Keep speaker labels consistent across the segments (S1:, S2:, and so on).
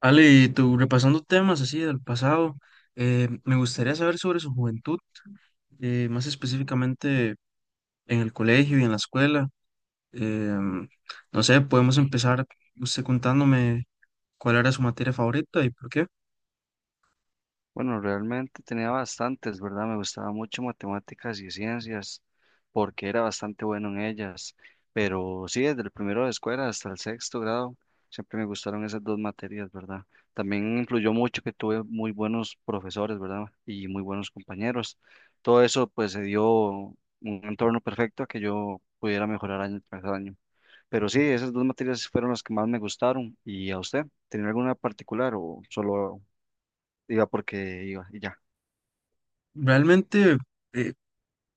S1: Ale, y tú, repasando temas así del pasado, me gustaría saber sobre su juventud, más específicamente en el colegio y en la escuela. Em, no sé, podemos empezar usted contándome cuál era su materia favorita y por qué.
S2: Bueno, realmente tenía bastantes, ¿verdad? Me gustaba mucho matemáticas y ciencias porque era bastante bueno en ellas. Pero sí, desde el primero de escuela hasta el sexto grado, siempre me gustaron esas dos materias, ¿verdad? También influyó mucho que tuve muy buenos profesores, ¿verdad? Y muy buenos compañeros. Todo eso pues se dio un entorno perfecto a que yo pudiera mejorar año tras año. Pero sí, esas dos materias fueron las que más me gustaron. ¿Y a usted? ¿Tenía alguna particular o solo iba porque iba y ya?
S1: Realmente, eh,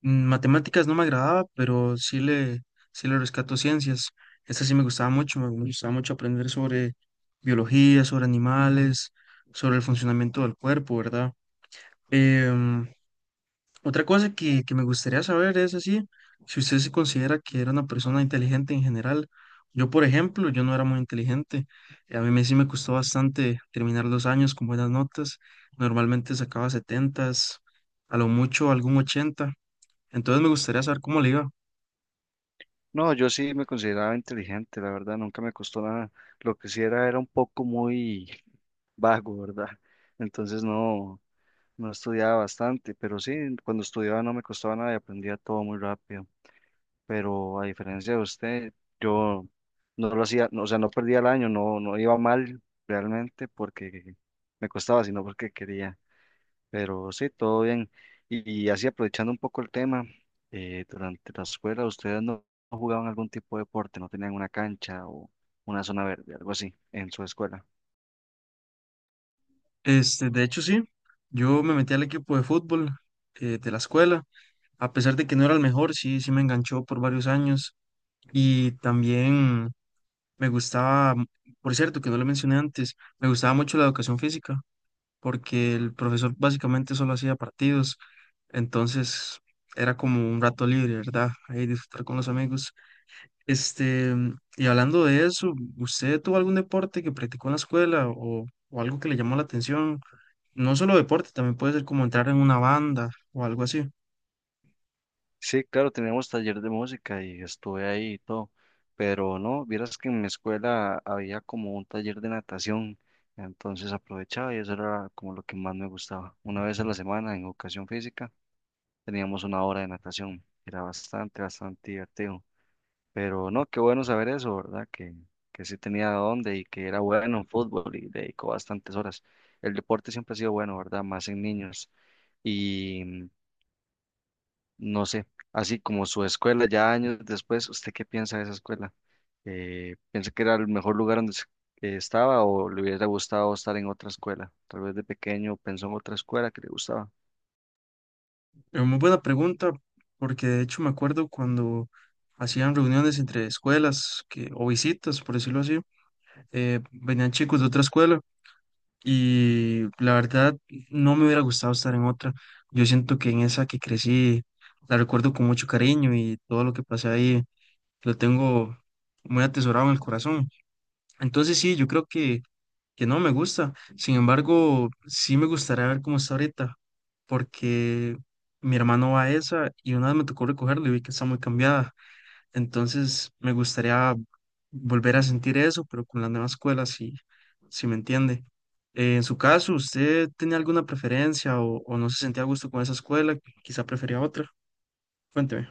S1: matemáticas no me agradaba, pero sí le rescato ciencias. Esta sí me gustaba mucho aprender sobre biología, sobre animales, sobre el funcionamiento del cuerpo, ¿verdad? Em, Otra que me gustaría saber es así, si usted se considera que era una persona inteligente en general. Yo, por ejemplo, yo no era muy inteligente. A sí me costó bastante terminar los años con buenas notas. Normalmente sacaba 70, a lo mucho algún 80. Entonces me gustaría saber cómo le iba.
S2: No, yo sí me consideraba inteligente, la verdad, nunca me costó nada. Lo que sí era un poco muy vago, ¿verdad? Entonces no, no estudiaba bastante, pero sí, cuando estudiaba no me costaba nada y aprendía todo muy rápido. Pero a diferencia de usted, yo no lo hacía, no, o sea, no perdía el año, no, no iba mal realmente porque me costaba, sino porque quería. Pero sí, todo bien. Y así aprovechando un poco el tema, durante la escuela, ¿ustedes no jugaban algún tipo de deporte? ¿No tenían una cancha o una zona verde, algo así, en su escuela?
S1: Este, de hecho, sí, yo me metí al equipo de fútbol de la escuela. A pesar de que no era el mejor, sí, sí me enganchó por varios años. Y también, me gustaba, por cierto, que no le mencioné antes, me gustaba mucho la educación física, porque el profesor básicamente solo hacía partidos, entonces era como un rato libre, ¿verdad? Ahí disfrutar con los amigos. Este, y hablando de eso, ¿usted tuvo algún deporte que practicó en la escuela o algo que le llamó la atención? No solo deporte, también puede ser como entrar en una banda o algo así.
S2: Sí, claro, teníamos taller de música y estuve ahí y todo, pero no, vieras que en mi escuela había como un taller de natación, entonces aprovechaba y eso era como lo que más me gustaba. Una vez a la semana en educación física teníamos una hora de natación, era bastante, bastante divertido. Pero no, qué bueno saber eso, ¿verdad? Que sí tenía dónde y que era bueno en fútbol y dedicó bastantes horas. El deporte siempre ha sido bueno, ¿verdad? Más en niños. Y no sé, así como su escuela, ya años después, ¿usted qué piensa de esa escuela? ¿Piensa que era el mejor lugar donde estaba o le hubiera gustado estar en otra escuela? Tal vez de pequeño pensó en otra escuela que le gustaba.
S1: Es muy buena pregunta, porque de hecho me acuerdo cuando hacían reuniones entre escuelas o visitas, por decirlo así. Venían chicos de otra escuela y la verdad no me hubiera gustado estar en otra. Yo siento que en esa que crecí la recuerdo con mucho cariño y todo lo que pasé ahí lo tengo muy atesorado en el corazón. Entonces sí, yo creo que no me gusta. Sin embargo, sí me gustaría ver cómo está ahorita, porque mi hermano va a esa y una vez me tocó recogerlo y vi que está muy cambiada. Entonces me gustaría volver a sentir eso, pero con la nueva escuela, si me entiende. En su caso, ¿usted tenía alguna preferencia o no se sentía a gusto con esa escuela? Quizá prefería otra. Cuénteme.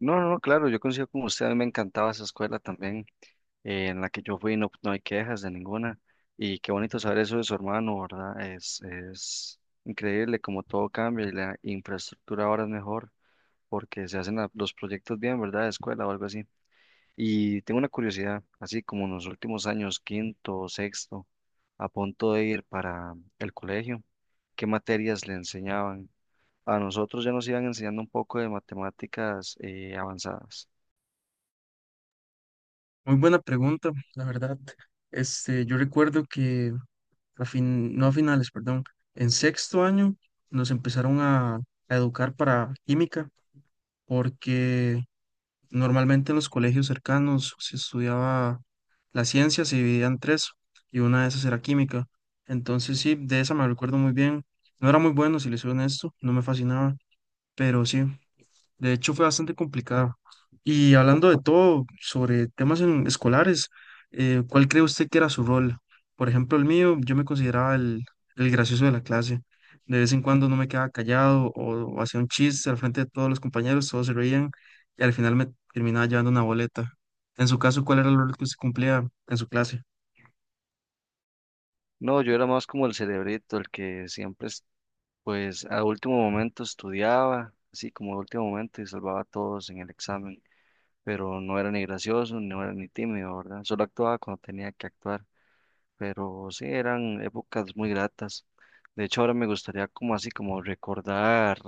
S2: No, no, no, claro, yo coincido con usted, a mí me encantaba esa escuela también en la que yo fui no, no hay quejas de ninguna. Y qué bonito saber eso de su hermano, ¿verdad? Es increíble como todo cambia y la infraestructura ahora es mejor porque se hacen los proyectos bien, ¿verdad? De escuela o algo así. Y tengo una curiosidad, así como en los últimos años, quinto, sexto, a punto de ir para el colegio, ¿qué materias le enseñaban? A nosotros ya nos iban enseñando un poco de matemáticas avanzadas.
S1: Muy buena pregunta, la verdad. Este, yo recuerdo que no a finales, perdón, en sexto año nos empezaron a educar para química, porque normalmente en los colegios cercanos se estudiaba, las ciencias se dividía en tres y una de esas era química. Entonces sí, de esa me recuerdo muy bien. No era muy bueno, si les soy honesto, no me fascinaba, pero sí. De hecho, fue bastante complicado. Y hablando de todo, sobre temas escolares, ¿cuál cree usted que era su rol? Por ejemplo, el mío, yo me consideraba el gracioso de la clase. De vez en cuando no me quedaba callado o hacía un chiste al frente de todos los compañeros, todos se reían y al final me terminaba llevando una boleta. En su caso, ¿cuál era el rol que usted cumplía en su clase?
S2: No, yo era más como el cerebrito, el que siempre pues a último momento estudiaba, así como a último momento y salvaba a todos en el examen, pero no era ni gracioso, no era ni tímido, ¿verdad? Solo actuaba cuando tenía que actuar, pero sí eran épocas muy gratas. De hecho, ahora me gustaría como así como recordar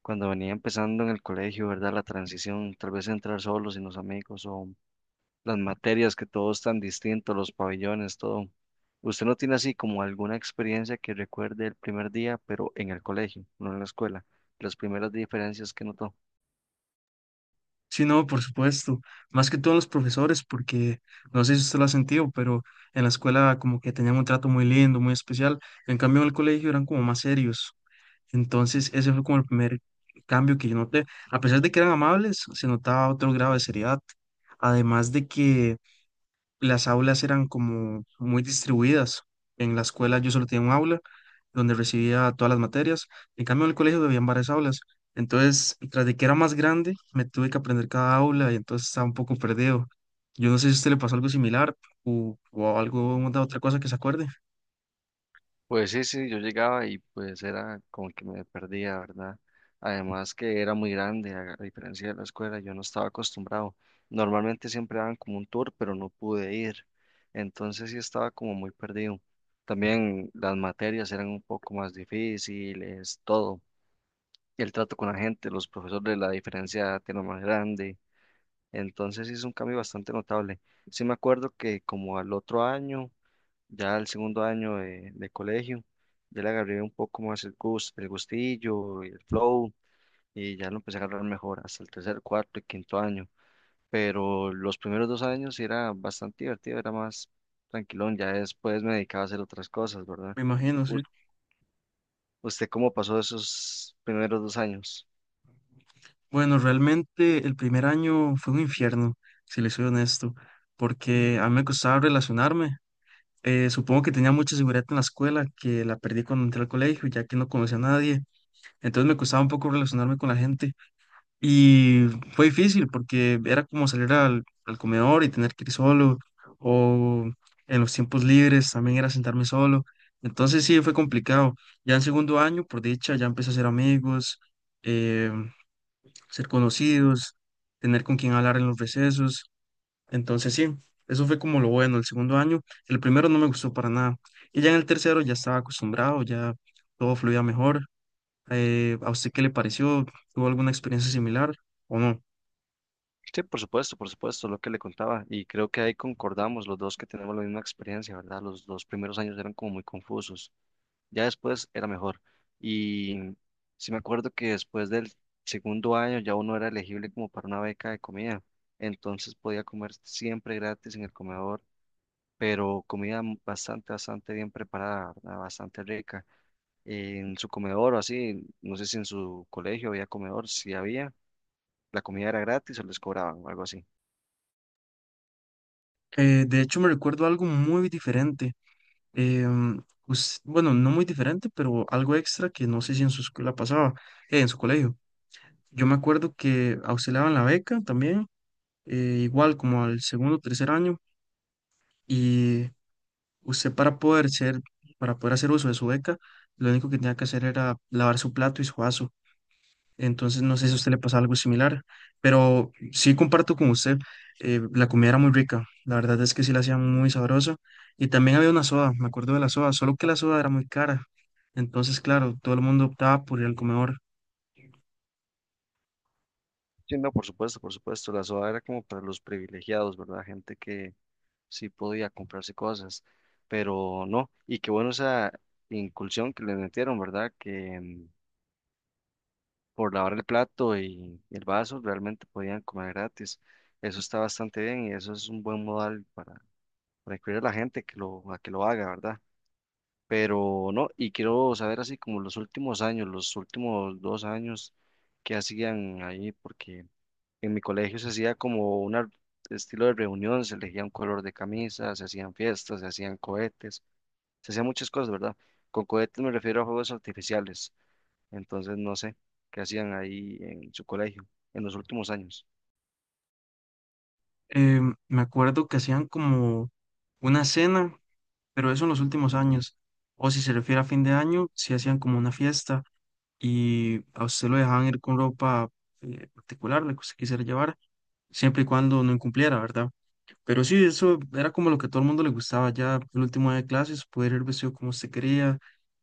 S2: cuando venía empezando en el colegio, ¿verdad? La transición, tal vez entrar solo sin los amigos o las materias, que todo es tan distinto, los pabellones, todo. ¿Usted no tiene así como alguna experiencia que recuerde el primer día, pero en el colegio, no en la escuela? Las primeras diferencias que notó.
S1: Sí, no, por supuesto. Más que todos los profesores, porque no sé si usted lo ha sentido, pero en la escuela como que tenían un trato muy lindo, muy especial. En cambio, en el colegio eran como más serios. Entonces, ese fue como el primer cambio que yo noté. A pesar de que eran amables, se notaba otro grado de seriedad. Además de que las aulas eran como muy distribuidas. En la escuela yo solo tenía un aula donde recibía todas las materias. En cambio, en el colegio habían varias aulas. Entonces, tras de que era más grande, me tuve que aprender cada aula y entonces estaba un poco perdido. Yo no sé si a usted le pasó algo similar o algo de otra cosa que se acuerde.
S2: Pues sí, sí, yo llegaba y pues era como que me perdía, ¿verdad? Además que era muy grande, a diferencia de la escuela, yo no estaba acostumbrado. Normalmente siempre daban como un tour, pero no pude ir. Entonces sí estaba como muy perdido. También las materias eran un poco más difíciles, todo. El trato con la gente, los profesores, la diferencia tiene más grande. Entonces sí es un cambio bastante notable. Sí me acuerdo que como al otro año, ya al segundo año de colegio, ya le agarré un poco más el gustillo, y el flow, y ya lo empecé a agarrar mejor hasta el tercer, cuarto y quinto año. Pero los primeros dos años sí era bastante divertido, era más tranquilón, ya después me dedicaba a hacer otras cosas, ¿verdad?
S1: Me imagino, sí.
S2: ¿Us- ¿Usted cómo pasó esos primeros dos años?
S1: Bueno, realmente el primer año fue un infierno, si le soy honesto, porque a mí me costaba relacionarme. Supongo que tenía mucha seguridad en la escuela, que la perdí cuando entré al colegio, ya que no conocía a nadie. Entonces me costaba un poco relacionarme con la gente. Y fue difícil porque era como salir al comedor y tener que ir solo. O en los tiempos libres también era sentarme solo. Entonces sí, fue complicado. Ya en segundo año, por dicha, ya empecé a hacer amigos, eh, ser conocidos, tener con quien hablar en los recesos. Entonces sí, eso fue como lo bueno el segundo año. El primero no me gustó para nada. Y ya en el tercero ya estaba acostumbrado, ya todo fluía mejor. ¿A usted qué le pareció? ¿Tuvo alguna experiencia similar o no?
S2: Sí, por supuesto, lo que le contaba. Y creo que ahí concordamos los dos que tenemos la misma experiencia, ¿verdad? Los dos primeros años eran como muy confusos. Ya después era mejor. Y sí me acuerdo que después del segundo año ya uno era elegible como para una beca de comida. Entonces podía comer siempre gratis en el comedor, pero bastante, bastante bien preparada, ¿verdad? Bastante rica. En su comedor o así, no sé si en su colegio había comedor, si había, la comida era gratis o les cobraban o algo así.
S1: De hecho, me recuerdo algo muy diferente. Bueno, no muy diferente, pero algo extra que no sé si en su escuela pasaba, en su colegio. Yo me acuerdo que auxiliaban la beca también, igual como al segundo o tercer año. Y usted para para poder hacer uso de su beca, lo único que tenía que hacer era lavar su plato y su vaso. Entonces, no sé si a usted le pasa algo similar, pero sí comparto con usted, la comida era muy rica, la verdad es que sí la hacían muy sabrosa. Y también había una soda, me acuerdo de la soda, solo que la soda era muy cara. Entonces, claro, todo el mundo optaba por ir al comedor.
S2: Sí, no, por supuesto, por supuesto. La soda era como para los privilegiados, ¿verdad? Gente que sí podía comprarse cosas, pero no. Y qué bueno esa incursión que le metieron, ¿verdad? Que por lavar el plato y el vaso realmente podían comer gratis. Eso está bastante bien y eso es un buen modal para incluir a la gente que lo, a que lo haga, ¿verdad? Pero no, y quiero saber así como los últimos años, los últimos dos años que hacían ahí, porque… En mi colegio se hacía como un estilo de reunión, se elegía un color de camisa, se hacían fiestas, se hacían cohetes, se hacían muchas cosas, ¿verdad? Con cohetes me refiero a juegos artificiales, entonces no sé qué hacían ahí en su colegio en los últimos años.
S1: Eh, me acuerdo que hacían como una cena, pero eso en los últimos años. O si se refiere a fin de año, sí hacían como una fiesta y a usted lo dejaban ir con ropa particular, la que usted quisiera llevar, siempre y cuando no incumpliera, ¿verdad? Pero sí, eso era como lo que a todo el mundo le gustaba ya el último día de clases, poder ir vestido como usted quería,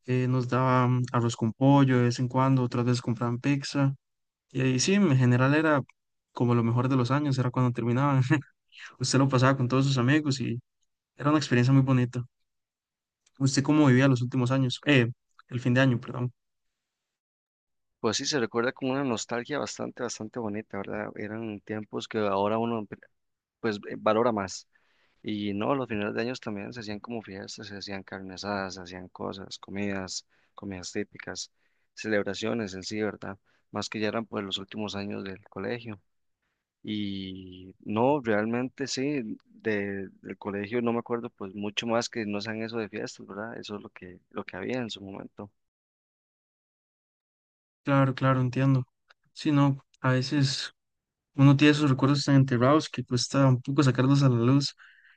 S1: nos daban arroz con pollo de vez en cuando, otras veces compraban pizza, y ahí sí, en general era como lo mejor de los años, era cuando terminaban, usted lo pasaba con todos sus amigos y era una experiencia muy bonita. ¿Usted cómo vivía los últimos años? El fin de año, perdón.
S2: Pues sí, se recuerda con una nostalgia bastante, bastante bonita, ¿verdad? Eran tiempos que ahora uno valora más. Y no, los finales de años también se hacían como fiestas, se hacían carne asadas, se hacían cosas, comidas, comidas típicas, celebraciones en sí, ¿verdad? Más que ya eran pues los últimos años del colegio. Y no, realmente sí, del colegio no me acuerdo pues mucho más que no sean eso de fiestas, ¿verdad? Eso es lo que había en su momento.
S1: Claro, claro, entiendo. Sí, no, a veces uno tiene sus recuerdos tan enterrados que cuesta un poco sacarlos a la luz,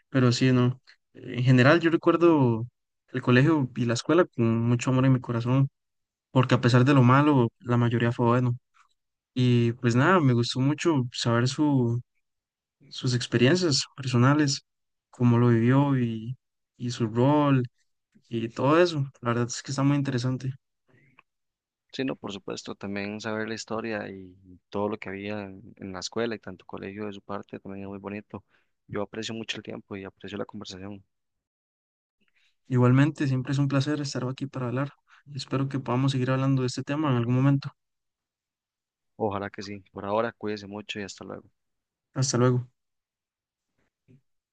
S1: pero sí, no. En general, yo recuerdo el colegio y la escuela con mucho amor en mi corazón, porque a pesar de lo malo, la mayoría fue bueno. Y pues nada, me gustó mucho saber sus experiencias personales, cómo lo vivió, y su rol y todo eso. La verdad es que está muy interesante.
S2: Sí, no, por supuesto, también saber la historia y todo lo que había en la escuela y tanto colegio de su parte también es muy bonito. Yo aprecio mucho el tiempo y aprecio la conversación.
S1: Igualmente, siempre es un placer estar aquí para hablar. Espero que podamos seguir hablando de este tema en algún momento.
S2: Ojalá que sí. Por ahora, cuídense mucho y hasta luego.
S1: Hasta luego.